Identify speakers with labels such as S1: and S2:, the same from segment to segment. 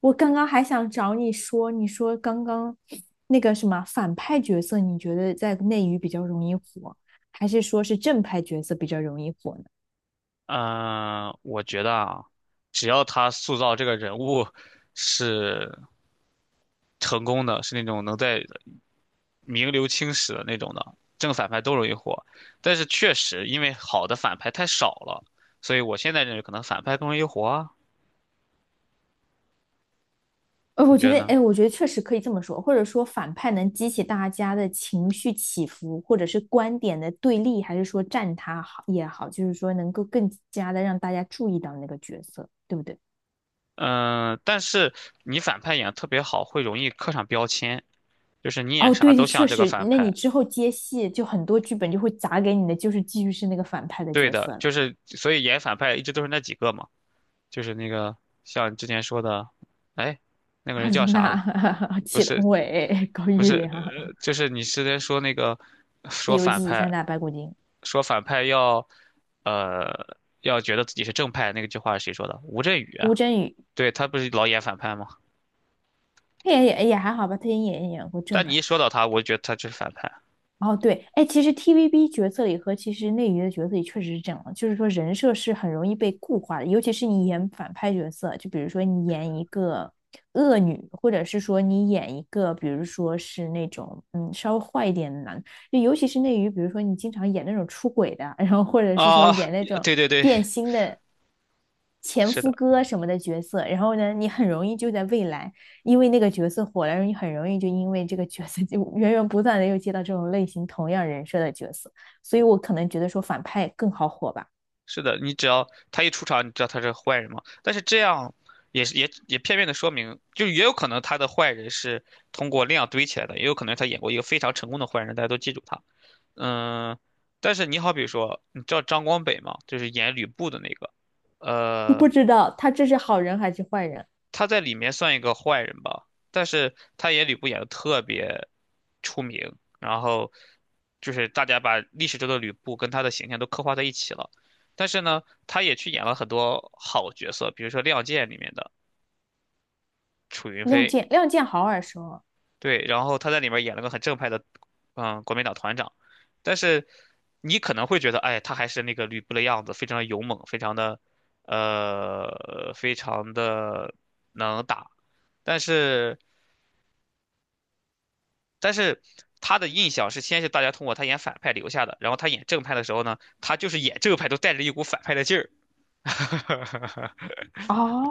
S1: 我刚刚还想找你说，你说刚刚那个什么反派角色，你觉得在内娱比较容易火，还是说是正派角色比较容易火呢？
S2: 嗯，我觉得啊，只要他塑造这个人物是成功的，是那种能在名留青史的那种的，正反派都容易火。但是确实，因为好的反派太少了，所以我现在认为可能反派更容易火啊。你
S1: 我
S2: 觉
S1: 觉
S2: 得
S1: 得，
S2: 呢？
S1: 哎，我觉得确实可以这么说，或者说反派能激起大家的情绪起伏，或者是观点的对立，还是说站他好也好，就是说能够更加的让大家注意到那个角色，对不对？
S2: 嗯，但是你反派演得特别好，会容易刻上标签，就是你演
S1: 哦，
S2: 啥
S1: 对，
S2: 都
S1: 确
S2: 像这个
S1: 实，
S2: 反
S1: 那你
S2: 派。
S1: 之后接戏就很多剧本就会砸给你的，就是继续是那个反派的
S2: 对
S1: 角色
S2: 的，
S1: 了。
S2: 就是所以演反派一直都是那几个嘛。就是那个像之前说的，哎，那个
S1: 阿
S2: 人叫
S1: 如
S2: 啥
S1: 那、
S2: 了？不
S1: 祁同
S2: 是，
S1: 伟、高
S2: 不
S1: 玉
S2: 是，
S1: 良，
S2: 就是你之前说那个，
S1: 《西
S2: 说
S1: 游
S2: 反
S1: 记》三
S2: 派，
S1: 大白骨精，
S2: 说反派要，呃，要觉得自己是正派，那个句话是谁说的？吴镇宇啊，
S1: 吴镇宇。
S2: 对，他不是老演反派吗？
S1: 也还好吧，他也演过正
S2: 但你
S1: 版。
S2: 一说到他，我就觉得他就是反派
S1: 哦，对，哎，其实 TVB 角色里和其实内娱的角色里确实是这样的，就是说人设是很容易被固化的，尤其是你演反派角色，就比如说你演一个恶女，或者是说你演一个，比如说是那种稍微坏一点的男，就尤其是内娱，比如说你经常演那种出轨的，然后或者是说
S2: 啊，
S1: 演那种
S2: 对对对，
S1: 变心的前
S2: 是
S1: 夫
S2: 的。
S1: 哥什么的角色，然后呢，你很容易就在未来。因为那个角色火了，你很容易就因为这个角色 就源源不断的又接到这种类型同样人设的角色，所以我可能觉得说反派更好火吧。
S2: 是的，你只要他一出场，你知道他是坏人吗？但是这样也是片面的说明，就也有可能他的坏人是通过量堆起来的，也有可能他演过一个非常成功的坏人，大家都记住他。嗯，但是你好比说，你知道张光北吗？就是演吕布的那个，呃，
S1: 不知道他这是好人还是坏人？
S2: 他在里面算一个坏人吧，但是他演吕布演的特别出名，然后就是大家把历史中的吕布跟他的形象都刻画在一起了。但是呢，他也去演了很多好角色，比如说《亮剑》里面的楚云
S1: 亮
S2: 飞，
S1: 剑，亮剑好耳熟哦。
S2: 对，然后他在里面演了个很正派的，国民党团长。但是你可能会觉得，哎，他还是那个吕布的样子，非常的勇猛，非常的，非常的能打，但是。但是他的印象是先是大家通过他演反派留下的，然后他演正派的时候呢，他就是演正派都带着一股反派的劲儿，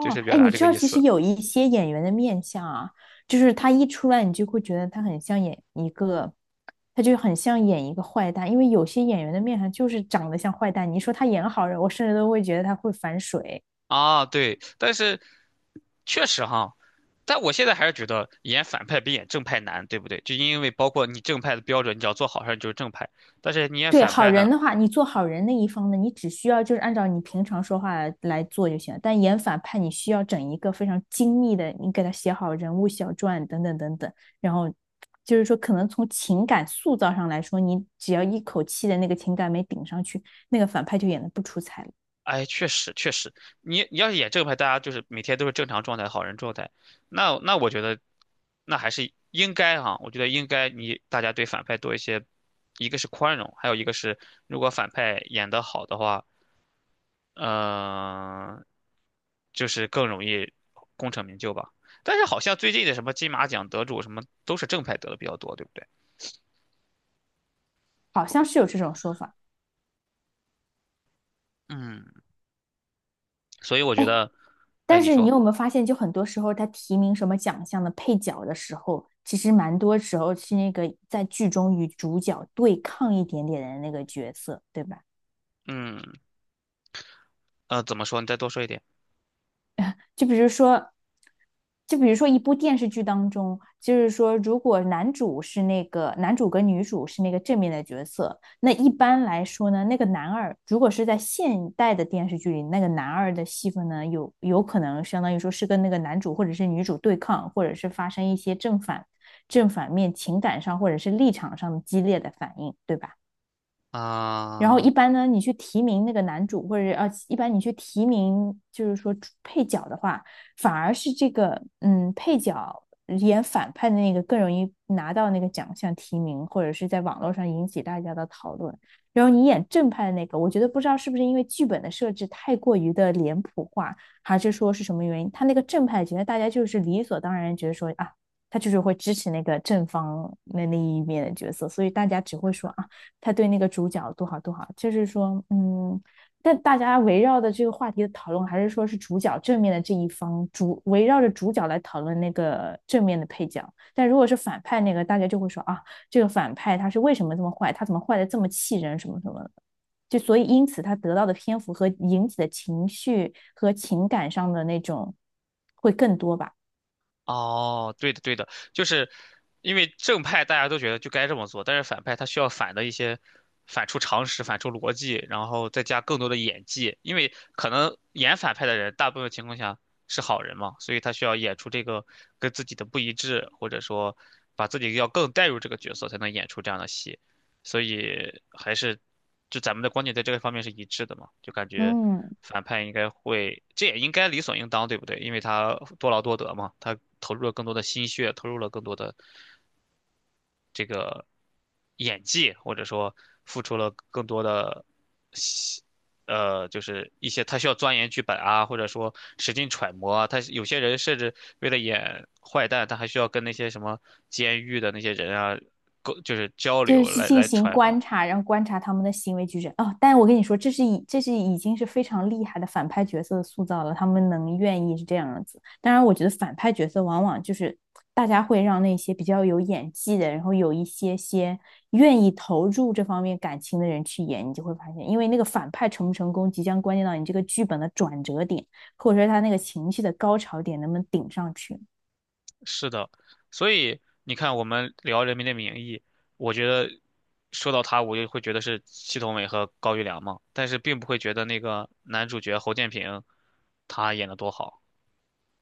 S2: 就是表
S1: 哎，
S2: 达
S1: 你
S2: 这
S1: 知
S2: 个
S1: 道
S2: 意
S1: 其实
S2: 思
S1: 有一些演员的面相啊，就是他一出来，你就会觉得他很像演一个，他就很像演一个坏蛋，因为有些演员的面相就是长得像坏蛋。你说他演好人，我甚至都会觉得他会反水。
S2: 啊。对，但是确实哈，但我现在还是觉得演反派比演正派难，对不对？就因为包括你正派的标准，你只要做好事儿你就是正派，但是你演
S1: 对，
S2: 反
S1: 好
S2: 派
S1: 人
S2: 呢？
S1: 的话，你做好人那一方呢，你只需要就是按照你平常说话来做就行了。但演反派，你需要整一个非常精密的，你给他写好人物小传等等等等，然后就是说，可能从情感塑造上来说，你只要一口气的那个情感没顶上去，那个反派就演得不出彩了。
S2: 哎，确实确实，你要是演正派，大家就是每天都是正常状态、好人状态，那我觉得，那还是应该哈、我觉得应该你大家对反派多一些，一个是宽容，还有一个是如果反派演得好的话，嗯、就是更容易功成名就吧。但是好像最近的什么金马奖得主什么都是正派得的比较多，对不对？
S1: 好像是有这种说法。
S2: 嗯，所以我觉
S1: 哎，
S2: 得，哎，
S1: 但
S2: 你
S1: 是你
S2: 说，
S1: 有没有发现，就很多时候他提名什么奖项的配角的时候，其实蛮多时候是那个在剧中与主角对抗一点点的那个角色，对吧？
S2: 嗯，怎么说？你再多说一点
S1: 就比如说，就比如说一部电视剧当中，就是说，如果男主是那个男主跟女主是那个正面的角色，那一般来说呢，那个男二如果是在现代的电视剧里，那个男二的戏份呢，有可能相当于说是跟那个男主或者是女主对抗，或者是发生一些正反面情感上或者是立场上的激烈的反应，对吧？然后一
S2: 啊。
S1: 般呢，你去提名那个男主，或者一般你去提名，就是说配角的话，反而是这个配角演反派的那个更容易拿到那个奖项提名，或者是在网络上引起大家的讨论。然后你演正派的那个，我觉得不知道是不是因为剧本的设置太过于的脸谱化，还是说是什么原因，他那个正派觉得大家就是理所当然觉得说啊，他就是会支持那个正方那一面的角色，所以大家只会说啊。他对那个主角多好多好，就是说，嗯，但大家围绕的这个话题的讨论，还是说是主角正面的这一方，主围绕着主角来讨论那个正面的配角。但如果是反派那个，大家就会说啊，这个反派他是为什么这么坏，他怎么坏的这么气人，什么什么的。就所以因此他得到的篇幅和引起的情绪和情感上的那种会更多吧。
S2: 哦，对的，对的，就是因为正派大家都觉得就该这么做，但是反派他需要反的一些，反出常识，反出逻辑，然后再加更多的演技，因为可能演反派的人大部分情况下是好人嘛，所以他需要演出这个跟自己的不一致，或者说把自己要更带入这个角色，才能演出这样的戏。所以还是就咱们的观点在这个方面是一致的嘛，就感觉
S1: 嗯。
S2: 反派应该会，这也应该理所应当，对不对？因为他多劳多得嘛，他投入了更多的心血，投入了更多的这个演技，或者说付出了更多的。就是一些他需要钻研剧本啊，或者说使劲揣摩啊。他有些人甚至为了演坏蛋，他还需要跟那些什么监狱的那些人啊，就是交
S1: 就是
S2: 流
S1: 去
S2: 来
S1: 进
S2: 来
S1: 行
S2: 揣
S1: 观
S2: 摩。
S1: 察，然后观察他们的行为举止。哦，但我跟你说，这是已经是非常厉害的反派角色的塑造了，他们能愿意是这样子。当然，我觉得反派角色往往就是大家会让那些比较有演技的，然后有一些愿意投入这方面感情的人去演，你就会发现，因为那个反派成不成功，即将关键到你这个剧本的转折点，或者说他那个情绪的高潮点能不能顶上去。
S2: 是的，所以你看，我们聊《人民的名义》，我觉得说到他，我就会觉得是祁同伟和高育良嘛，但是并不会觉得那个男主角侯建平他演的多好，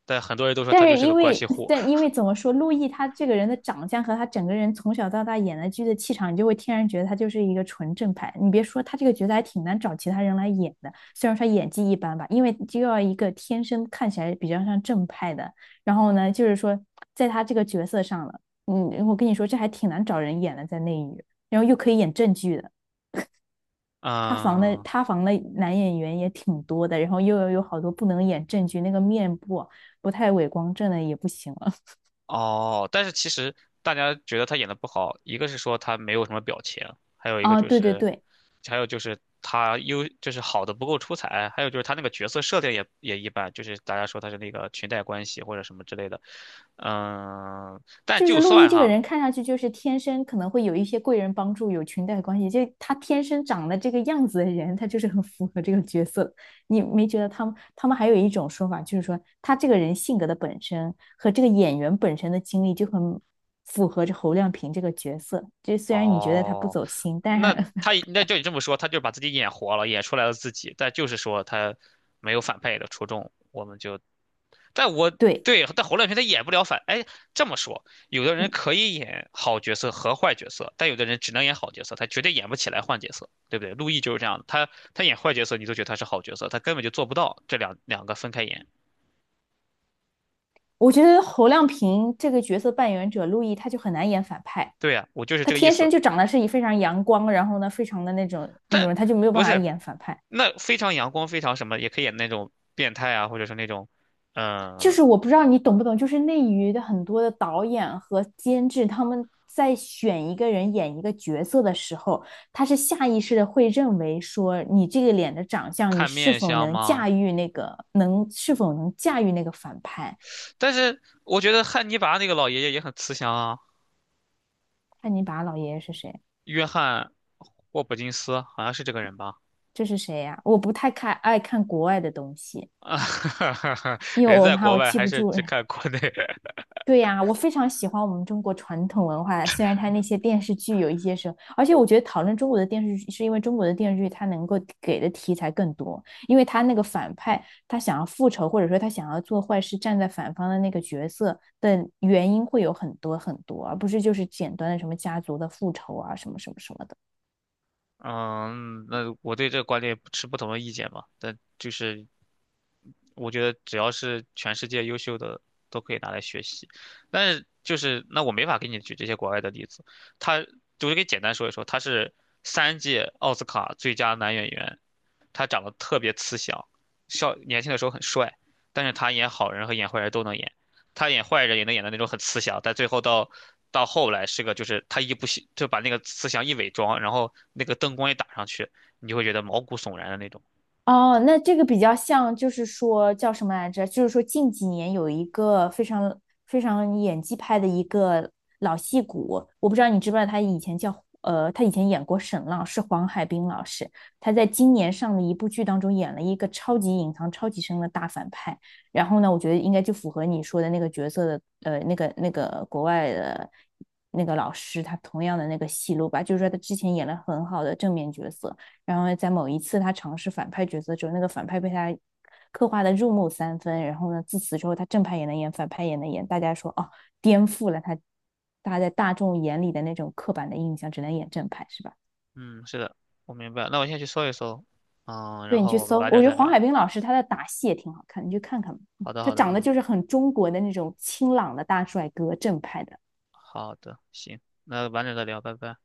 S2: 但很多人都说他
S1: 但
S2: 就
S1: 是
S2: 是个
S1: 因
S2: 关
S1: 为，
S2: 系户儿
S1: 但因为怎么说，陆毅他这个人的长相和他整个人从小到大演的剧的气场，你就会天然觉得他就是一个纯正派。你别说他这个角色还挺难找其他人来演的，虽然说演技一般吧，因为就要一个天生看起来比较像正派的，然后呢，就是说在他这个角色上了，嗯，我跟你说这还挺难找人演的，在内娱，然后又可以演正剧的。
S2: 嗯，
S1: 塌房的男演员也挺多的，然后又有好多不能演正剧，那个面部啊不太伟光正的也不行了。
S2: 哦，但是其实大家觉得他演的不好，一个是说他没有什么表情，还有一个
S1: 啊，
S2: 就
S1: 对对
S2: 是，
S1: 对，
S2: 还有就是他就是好的不够出彩，还有就是他那个角色设定也一般，就是大家说他是那个裙带关系或者什么之类的，嗯，但
S1: 就
S2: 就
S1: 是陆毅
S2: 算
S1: 这个
S2: 哈，
S1: 人看上去就是天生可能会有一些贵人帮助，有裙带关系，就他天生长得这个样子的人，他就是很符合这个角色。你没觉得他们还有一种说法，就是说他这个人性格的本身和这个演员本身的经历就很符合着侯亮平这个角色。就虽然你觉得他不
S2: 哦，
S1: 走心，但
S2: 那
S1: 是
S2: 他那就你这么说，他就把自己演活了，演出来了自己，但就是说他没有反派演的出众，就。但我
S1: 对，
S2: 对，但侯亮平他演不了反。哎，这么说，有的人
S1: 嗯
S2: 可以演好角色和坏角色，但有的人只能演好角色，他绝对演不起来坏角色，对不对？陆毅就是这样的，他演坏角色，你都觉得他是好角色，他根本就做不到这两个分开演。
S1: 我觉得侯亮平这个角色扮演者陆毅他就很难演反派。
S2: 对呀、我就是
S1: 他
S2: 这个意
S1: 天生
S2: 思。
S1: 就长得是以非常阳光，然后呢，非常的那种
S2: 但
S1: 人，他就没有办
S2: 不
S1: 法
S2: 是，
S1: 演反派。
S2: 那非常阳光，非常什么，也可以演那种变态啊，或者是那种，
S1: 就
S2: 嗯、
S1: 是我不知道你懂不懂，就是内娱的很多的导演和监制，他们在选一个人演一个角色的时候，他是下意识的会认为说，你这个脸的长相，你
S2: 看
S1: 是
S2: 面
S1: 否
S2: 相
S1: 能
S2: 吗？
S1: 驾驭那个，能是否能驾驭那个反派？
S2: 但是我觉得汉尼拔那个老爷爷也很慈祥啊，
S1: 看你把老爷爷是谁？
S2: 约翰霍普金斯好像是这个人吧。
S1: 这是谁呀、啊我不太爱看国外的东西，
S2: 啊，
S1: 因为
S2: 人
S1: 我
S2: 在
S1: 怕
S2: 国
S1: 我
S2: 外
S1: 记
S2: 还
S1: 不
S2: 是
S1: 住。
S2: 只看国内。
S1: 对呀，我非常喜欢我们中国传统文化，虽然它那些电视剧有一些时候，而且我觉得讨论中国的电视剧，是因为中国的电视剧它能够给的题材更多，因为它那个反派他想要复仇，或者说他想要做坏事，站在反方的那个角色的原因会有很多很多，而不是就是简单的什么家族的复仇啊，什么什么什么的。
S2: 嗯，那我对这个观点持不同的意见吧，但就是我觉得只要是全世界优秀的都可以拿来学习，但是就是那我没法给你举这些国外的例子，他我就给简单说一说，他是3届奥斯卡最佳男演员，他长得特别慈祥，笑年轻的时候很帅，但是他演好人和演坏人都能演。他演坏人也能演的那种很慈祥，但最后到后来是个就是他一不小就把那个慈祥一伪装，然后那个灯光一打上去，你就会觉得毛骨悚然的那种。
S1: 哦，那这个比较像，就是说叫什么来着？就是说近几年有一个非常演技派的一个老戏骨，我不知道你知不知道，他以前叫他以前演过沈浪，是黄海冰老师。他在今年上的一部剧当中演了一个超级隐藏、超级深的大反派。然后呢，我觉得应该就符合你说的那个角色的那个国外的那个老师，他同样的那个戏路吧，就是说他之前演了很好的正面角色。然后在某一次他尝试反派角色之后，那个反派被他刻画的入木三分，然后呢，自此之后他正派也能演，反派也能演，大家说哦，颠覆了大家在大众眼里的那种刻板的印象，只能演正派是吧？
S2: 嗯，是的，我明白。那我先去搜一搜，然
S1: 对你
S2: 后
S1: 去
S2: 我们
S1: 搜，
S2: 晚点
S1: 我觉
S2: 再
S1: 得黄
S2: 聊。
S1: 海冰老师他的打戏也挺好看，你去看看吧。嗯
S2: 好的，
S1: 他
S2: 好的，
S1: 长得
S2: 嗯，
S1: 就是很中国的那种清朗的大帅哥，正派的。
S2: 好的，行，那晚点再聊，拜拜。